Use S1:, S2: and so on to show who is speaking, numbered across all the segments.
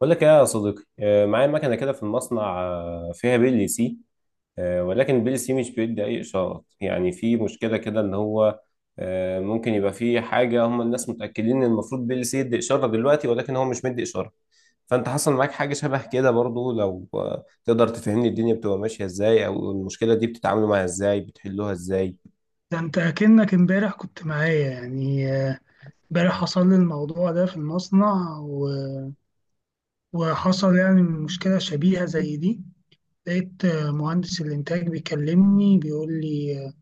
S1: بقول لك ايه يا صديقي معايا مكنه كده في المصنع، فيها بي ال سي. ولكن البي ال سي مش بيدي اي اشارات، يعني في مشكله كده ان هو ممكن يبقى في حاجه. هم الناس متاكدين ان المفروض بي ال سي يدي اشاره دلوقتي، ولكن هو مش مدي اشاره. فانت حصل معاك حاجه شبه كده برضو؟ لو تقدر تفهمني الدنيا بتبقى ماشيه ازاي، او المشكله دي بتتعاملوا معاها ازاي، بتحلوها ازاي.
S2: ده انت اكنك امبارح كنت معايا يعني امبارح حصل لي الموضوع ده في المصنع وحصل يعني مشكلة شبيهة زي دي. لقيت مهندس الانتاج بيكلمني بيقول لي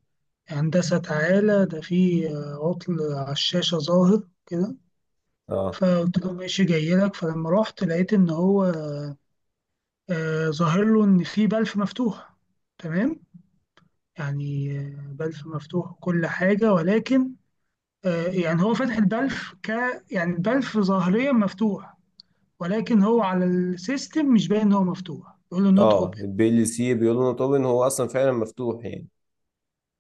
S2: هندسة تعالى، ده في عطل على الشاشة ظاهر كده.
S1: اه.
S2: فقلت له ماشي جاي لك. فلما رحت لقيت ان هو ظاهر له ان في بلف مفتوح. تمام، يعني بلف مفتوح وكل حاجة، ولكن يعني هو فتح البلف. يعني البلف ظاهريا مفتوح، ولكن هو على السيستم مش باين ان هو مفتوح، يقول له نوت
S1: اه
S2: اوبن.
S1: البي ال سي بيقولوا انه طبعا هو اصلا فعلا مفتوح يعني،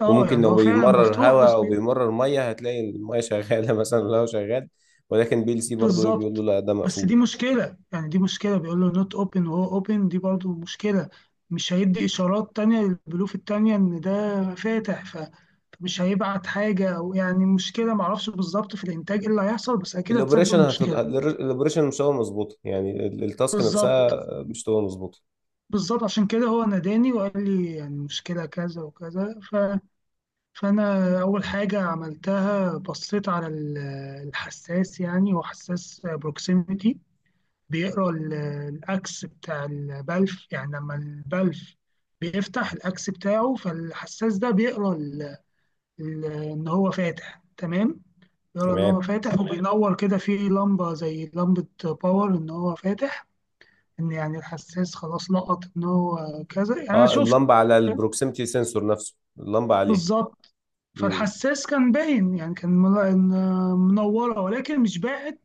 S2: اه،
S1: وممكن
S2: يعني
S1: لو
S2: هو فعلا
S1: بيمرر
S2: مفتوح
S1: هواء او بيمرر ميه هتلاقي الميه شغاله مثلا والهواء شغال، ولكن بي ال سي برضه ايه؟ بيقول له
S2: بالظبط.
S1: لا ده
S2: بس
S1: مقفول.
S2: دي مشكلة، يعني دي مشكلة بيقول له نوت اوبن وهو اوبن، دي برضو مشكلة. مش هيدي إشارات تانية للبلوف التانية إن ده فاتح. فمش هيبعت حاجة، أو يعني مشكلة معرفش بالظبط في الإنتاج إيه اللي هيحصل، بس أكيد هتسبب
S1: الاوبريشن
S2: مشكلة.
S1: الاوبريشن مش هو مظبوطه، يعني التاسك
S2: بالظبط،
S1: نفسها مش هو مظبوطه.
S2: بالظبط، عشان كده هو ناداني وقال لي يعني مشكلة كذا وكذا فأنا أول حاجة عملتها بصيت على الحساس. يعني هو حساس بروكسيميتي بيقرأ الأكس بتاع البلف. يعني لما البلف بيفتح الأكس بتاعه، فالحساس ده بيقرأ إن هو فاتح. تمام، يرى ان هو
S1: تمام.
S2: فاتح، وبينور كده في لمبه زي لمبه باور ان هو فاتح. ان يعني الحساس خلاص لقط ان هو كذا، يعني انا
S1: اه،
S2: شفت.
S1: اللمبه على البروكسيمتي سنسور نفسه اللمبه عليه.
S2: بالظبط.
S1: امم
S2: فالحساس كان باين، يعني كان منوره، ولكن مش باعت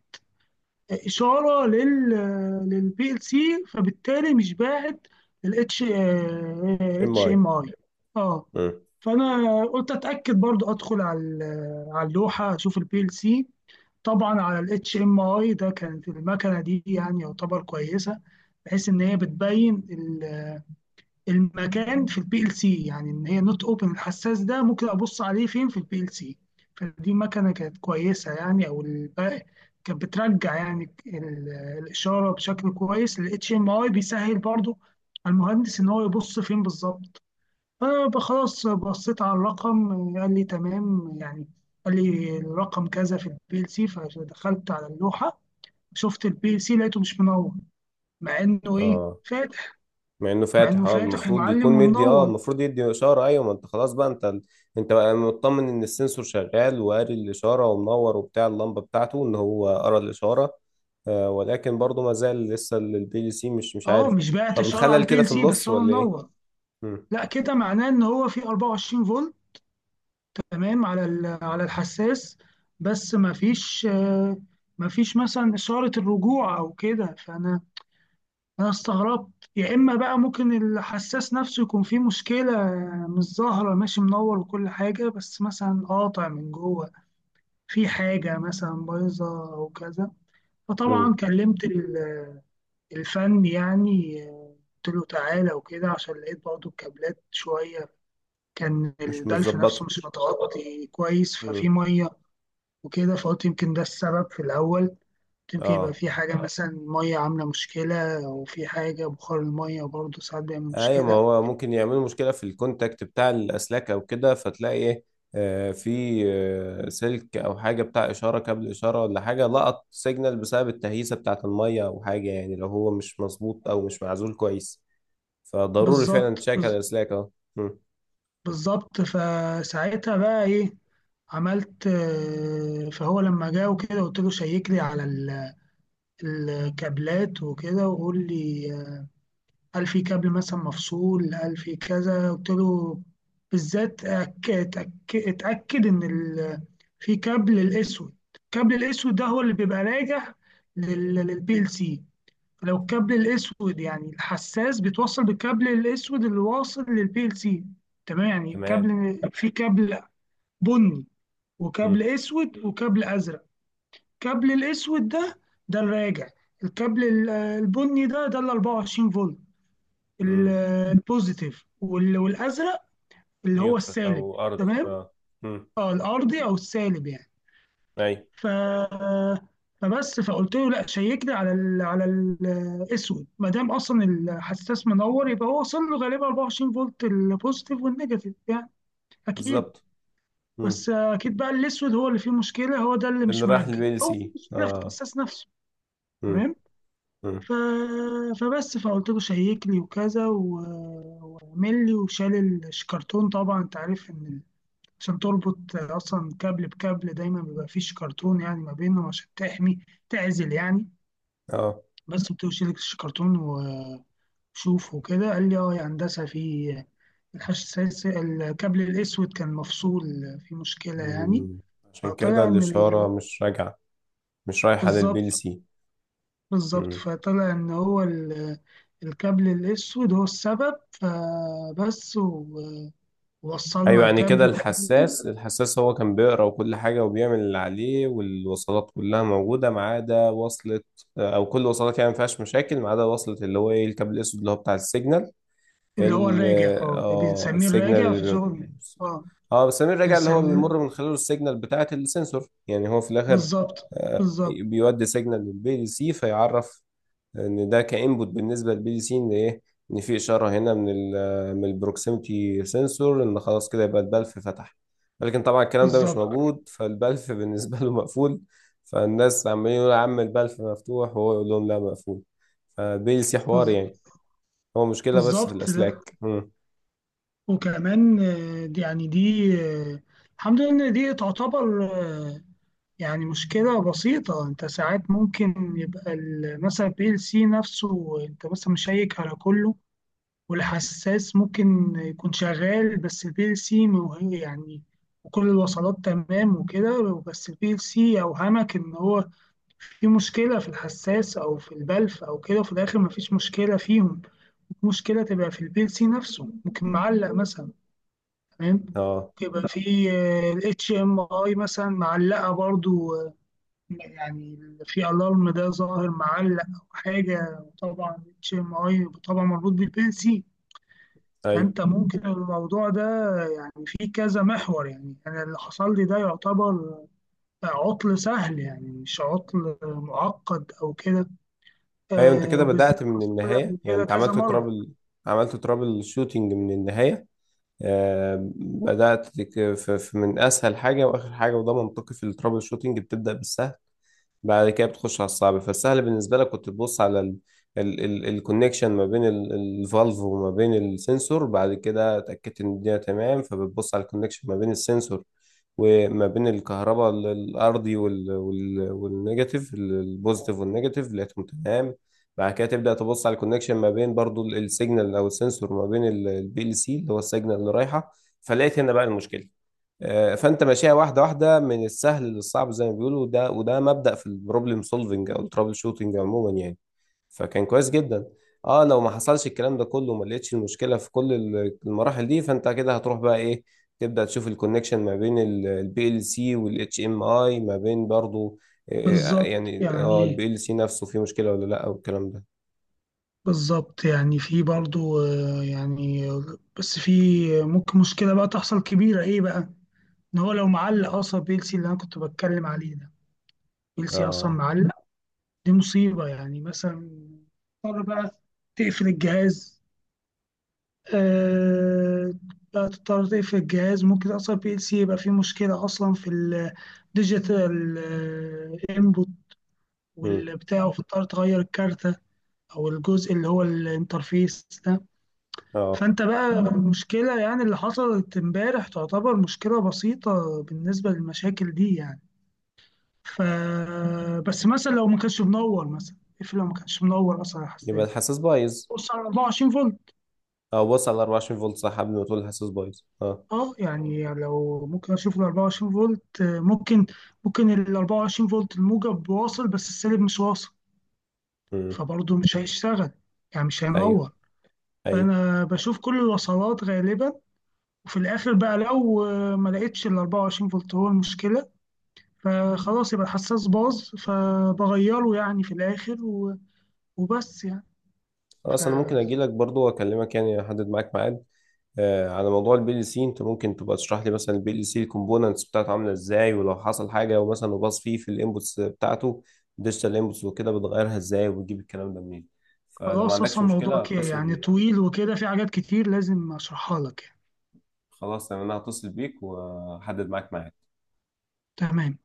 S2: اشاره للبي ال سي، فبالتالي مش باعت الاتش
S1: ام
S2: اتش
S1: اي.
S2: ام اي. اه، فانا قلت اتاكد برضو، ادخل على على اللوحه اشوف البي ال سي. طبعا على الاتش ام اي ده، كانت المكنه دي يعني يعتبر كويسه، بحيث ان هي بتبين المكان في البي ال سي، يعني ان هي نوت اوبن الحساس ده ممكن ابص عليه فين في البي ال سي. فدي مكنه كانت كويسه يعني، او الباقي كانت بترجع يعني الاشاره بشكل كويس. الاتش ام اي بيسهل برضو على المهندس ان هو يبص فين بالظبط. فخلاص بصيت على الرقم، قال لي تمام يعني، قال لي الرقم كذا في البي ال سي. فدخلت على اللوحه، شفت البي ال سي لقيته مش منور، مع انه ايه
S1: اه،
S2: فاتح.
S1: مع انه
S2: مع انه
S1: فاتح. اه،
S2: فاتح
S1: المفروض يكون
S2: ومعلم
S1: مدي، اه
S2: ومنور.
S1: المفروض يدي اشاره. ايوه ما انت خلاص بقى، انت بقى مطمن ان السنسور شغال وقاري الاشاره ومنور، وبتاع اللمبه بتاعته ان هو قرا الاشاره. آه، ولكن برضه ما زال لسه البي ال سي مش
S2: اه،
S1: عارف.
S2: مش باعت
S1: طب
S2: الشارع على
S1: الخلل
S2: البي
S1: كده
S2: ال
S1: في
S2: سي،
S1: النص
S2: بس هو
S1: ولا ايه؟
S2: منور.
S1: مم.
S2: لا، كده معناه ان هو في 24 فولت تمام على على الحساس، بس ما فيش ما فيش مثلا اشاره الرجوع او كده. انا استغربت، يا اما بقى ممكن الحساس نفسه يكون فيه مشكله مش ظاهره، ماشي منور وكل حاجه بس مثلا قاطع من جوه، في حاجه مثلا بايظه او كذا. فطبعا
S1: مم.
S2: كلمت الفن يعني، قلت له تعالى وكده، عشان لقيت برضه الكابلات شوية، كان
S1: مش
S2: البلف نفسه
S1: متظبطه.
S2: مش متغطي كويس، ففي
S1: مم.
S2: مية وكده. فقلت يمكن ده السبب في الأول، قلت يمكن يبقى
S1: اه.
S2: في حاجة مثلا مية عاملة مشكلة، أو في حاجة بخار المية برضه ساعات بيعمل
S1: ايوه ما
S2: مشكلة.
S1: هو ممكن يعملوا مشكله في الكونتاكت بتاع الاسلاك او كده، فتلاقي ايه؟ في سلك او حاجه بتاع اشاره، كابل اشاره ولا حاجه، لقط سيجنال بسبب التهيسه بتاعه الميه او حاجه، يعني لو هو مش مظبوط او مش معزول كويس. فضروري فعلا
S2: بالظبط،
S1: تشيك على الاسلاك، اه. مم،
S2: بالظبط. فساعتها بقى إيه، عملت فهو لما جه وكده قلت له شيك لي على الكابلات وكده، وقول لي. قال في كابل مثلا مفصول، قال في كذا. قلت له بالذات اتأكد إن في كابل الأسود. الكابل الأسود ده هو اللي بيبقى راجع للبي ال سي. لو الكابل الأسود، يعني الحساس بيتوصل بالكابل الأسود اللي واصل للبي ال سي. تمام، يعني
S1: تمام.
S2: كابل، في كابل بني وكابل
S1: مم،
S2: أسود وكابل أزرق. الكابل الأسود ده ده الراجع. الكابل البني ده ده ال 24 فولت، ال-
S1: مم.
S2: البوزيتيف، والازرق اللي هو
S1: نيوترال او
S2: السالب.
S1: ارضي،
S2: تمام،
S1: اه. مم.
S2: اه الارضي او السالب يعني.
S1: اي.
S2: ف فقلت له لا شيكني على ال على الاسود، ما دام اصلا الحساس منور يبقى هو وصل له غالبا 24 فولت، البوزيتيف والنيجاتيف يعني، اكيد.
S1: بالظبط. مم.
S2: بس اكيد بقى الاسود هو اللي فيه مشكله، هو ده اللي
S1: اللي
S2: مش
S1: راح
S2: مرجع
S1: البي ال
S2: او في
S1: سي،
S2: مشكله في
S1: اه.
S2: الحساس نفسه.
S1: مم.
S2: تمام.
S1: مم.
S2: ف... فقلت له شيك لي وكذا واعمل لي، وشال الشكرتون. طبعا انت عارف ان عشان تربط اصلا كابل بكابل دايما بيبقى فيه شكرتون يعني ما بينهم، عشان تحمي، تعزل يعني.
S1: اه.
S2: بس قلت له شيل الشكرتون وشوف وكده. قال لي اه يا هندسه، في الحش السادس الكابل الاسود كان مفصول، في مشكله يعني.
S1: عشان كده
S2: فطلع ان
S1: الاشاره مش راجعه، مش رايحة للبي ال
S2: بالظبط،
S1: سي.
S2: بالظبط.
S1: مم.
S2: فطلع ان هو الكابل الاسود هو السبب. فبس ووصلنا
S1: ايوه، يعني كده
S2: الكابل
S1: الحساس، الحساس كان بيقرا وكل حاجة وبيعمل اللي عليه، والوصلات كلها موجودة ما عدا وصلة، او كل وصلات يعني ما فيهاش مشاكل ما عدا وصلة، اللي هو ايه؟ الكابل الاسود اللي هو بتاع السيجنال،
S2: اللي هو
S1: ال
S2: الراجع، اه
S1: اه
S2: بنسميه
S1: السيجنال
S2: الراجع في شغل، اه
S1: اه بس سمير، راجع، اللي هو
S2: بنسميه.
S1: بيمر من خلاله السيجنال بتاعة السنسور. يعني هو في الاخر
S2: بالظبط، بالظبط،
S1: بيودي سيجنال للبي ال سي، فيعرف ان ده كانبوت بالنسبه للبي دي سي، ان ايه؟ ان في اشاره هنا من ال من البروكسيمتي سنسور، ان خلاص كده يبقى البلف فتح. ولكن طبعا الكلام ده مش
S2: بالظبط،
S1: موجود، فالبلف بالنسبه له مقفول. فالناس عمالين يقولوا يا عم البلف مفتوح، وهو يقول لهم لا مقفول. فالبي دي سي حوار
S2: بز-
S1: يعني، هو مشكله بس في
S2: بالظبط ده.
S1: الاسلاك.
S2: وكمان يعني دي الحمد لله ان دي تعتبر يعني مشكلة بسيطة. انت ساعات ممكن يبقى مثلا بي ال سي نفسه، انت مثلا مشيك على كله، والحساس ممكن يكون شغال، بس بي ال سي وهي يعني، وكل الوصلات تمام وكده، بس البي ال سي أوهمك إن هو في مشكلة في الحساس أو في البلف أو كده، وفي الآخر مفيش مشكلة فيهم. مشكلة تبقى في البي ال سي نفسه، ممكن معلق مثلا. تمام،
S1: اه.
S2: يبقى في الاتش ام اي مثلا معلقه برضو، يعني في الارم ده ظاهر معلق او حاجه. طبعا الاتش ام اي طبعا مربوط بالبي ال سي.
S1: ايوه.
S2: فأنت ممكن الموضوع ده فيه كذا محور. يعني أنا اللي حصل لي ده يعتبر عطل سهل، يعني مش عطل معقد أو كده.
S1: ايوه، انت
S2: آه،
S1: كده
S2: وبالذات
S1: بدات من
S2: حصل لي
S1: النهايه.
S2: قبل
S1: يعني
S2: كده
S1: انت
S2: كذا
S1: عملت
S2: مرة.
S1: ترابل عملت ترابل شوتنج من النهايه. بدأت من أسهل حاجة وآخر حاجة، وده منطقي في الترابل شوتنج، بتبدأ بالسهل بعد كده بتخش على الصعب. فالسهل بالنسبة لك كنت تبص على الكونكشن ما بين الفالف وما بين السنسور، بعد كده اتأكدت ان الدنيا تمام، فبتبص على الكونكشن ما بين السنسور وما بين الكهرباء، الأرضي، والنيجاتيف، البوزيتيف والنيجاتيف، لقيتهم تمام. بعد كده تبدأ تبص على الكونكشن ما بين برضو السيجنال أو السنسور، ما بين البي ال سي، اللي هو السيجنال اللي رايحة. فلقيت هنا بقى المشكلة. فانت ماشيها واحده واحده من السهل للصعب زي ما بيقولوا، وده مبدأ في البروبلم سولفنج او الترابل شوتنج عموما يعني. فكان كويس جدا. اه، لو ما حصلش الكلام ده كله وما لقيتش المشكله في كل المراحل دي، فانت كده هتروح بقى ايه؟ تبدا تشوف الكونكشن ما بين البي ال سي والاتش ام اي، ما بين برضو،
S2: بالظبط يعني،
S1: البي ال سي نفسه فيه مشكله ولا لا، والكلام ده.
S2: بالظبط يعني، في برضو آه يعني، بس في ممكن مشكلة بقى تحصل كبيرة، إيه بقى؟ إن هو لو معلق أصلا بيلسي اللي أنا كنت بتكلم عليه ده، بيلسي أصلا
S1: اه.
S2: معلق، دي مصيبة يعني. مثلا اضطر بقى تقفل الجهاز. آه، بقى تضطر تقفل الجهاز. ممكن اصلا بي ال سي يبقى فيه مشكلة اصلا في الديجيتال انبوت
S1: امم.
S2: والبتاع، فتضطر تغير الكارتة او الجزء اللي هو الانترفيس ده.
S1: اه.
S2: فانت بقى المشكلة يعني اللي حصلت امبارح تعتبر مشكلة بسيطة بالنسبة للمشاكل دي يعني. ف بس مثلا لو ما كانش منور، مثلا اقفل، لو ما كانش منور اصلا على
S1: يبقى
S2: الحساس،
S1: الحساس بايظ؟
S2: بص على 24 فولت.
S1: اه بص على 24 فولت. صح، قبل ما تقول الحساس بايظ، اه.
S2: اه، يعني لو ممكن اشوف ال 24 فولت، ممكن ال 24 فولت الموجب واصل بس السالب مش واصل،
S1: امم.
S2: فبرضه مش هيشتغل، يعني مش
S1: ايوه.
S2: هينور.
S1: ايوه.
S2: فانا بشوف كل الوصلات غالبا. وفي الاخر بقى، لو ما لقيتش ال 24 فولت هو المشكله، فخلاص يبقى الحساس باظ فبغيره يعني في الاخر، وبس يعني.
S1: خلاص، انا ممكن
S2: فخلاص،
S1: اجي لك برضو واكلمك يعني، احدد معاك ميعاد، على موضوع البي ال سي. انت ممكن تبقى تشرح لي مثلا البي ال سي الكومبوننتس بتاعته عامله ازاي، ولو حصل حاجه ومثلا وباص فيه في الانبوتس بتاعته ديجيتال انبوتس وكده، بتغيرها ازاي، وبتجيب الكلام ده منين. فلو ما عندكش
S2: اصلا الموضوع
S1: مشكله
S2: كده
S1: هتصل
S2: يعني
S1: بيك.
S2: طويل وكده، في حاجات كتير لازم اشرحها لك يعني.
S1: خلاص تمام، انا هتصل بيك واحدد معاك ميعاد.
S2: تمام.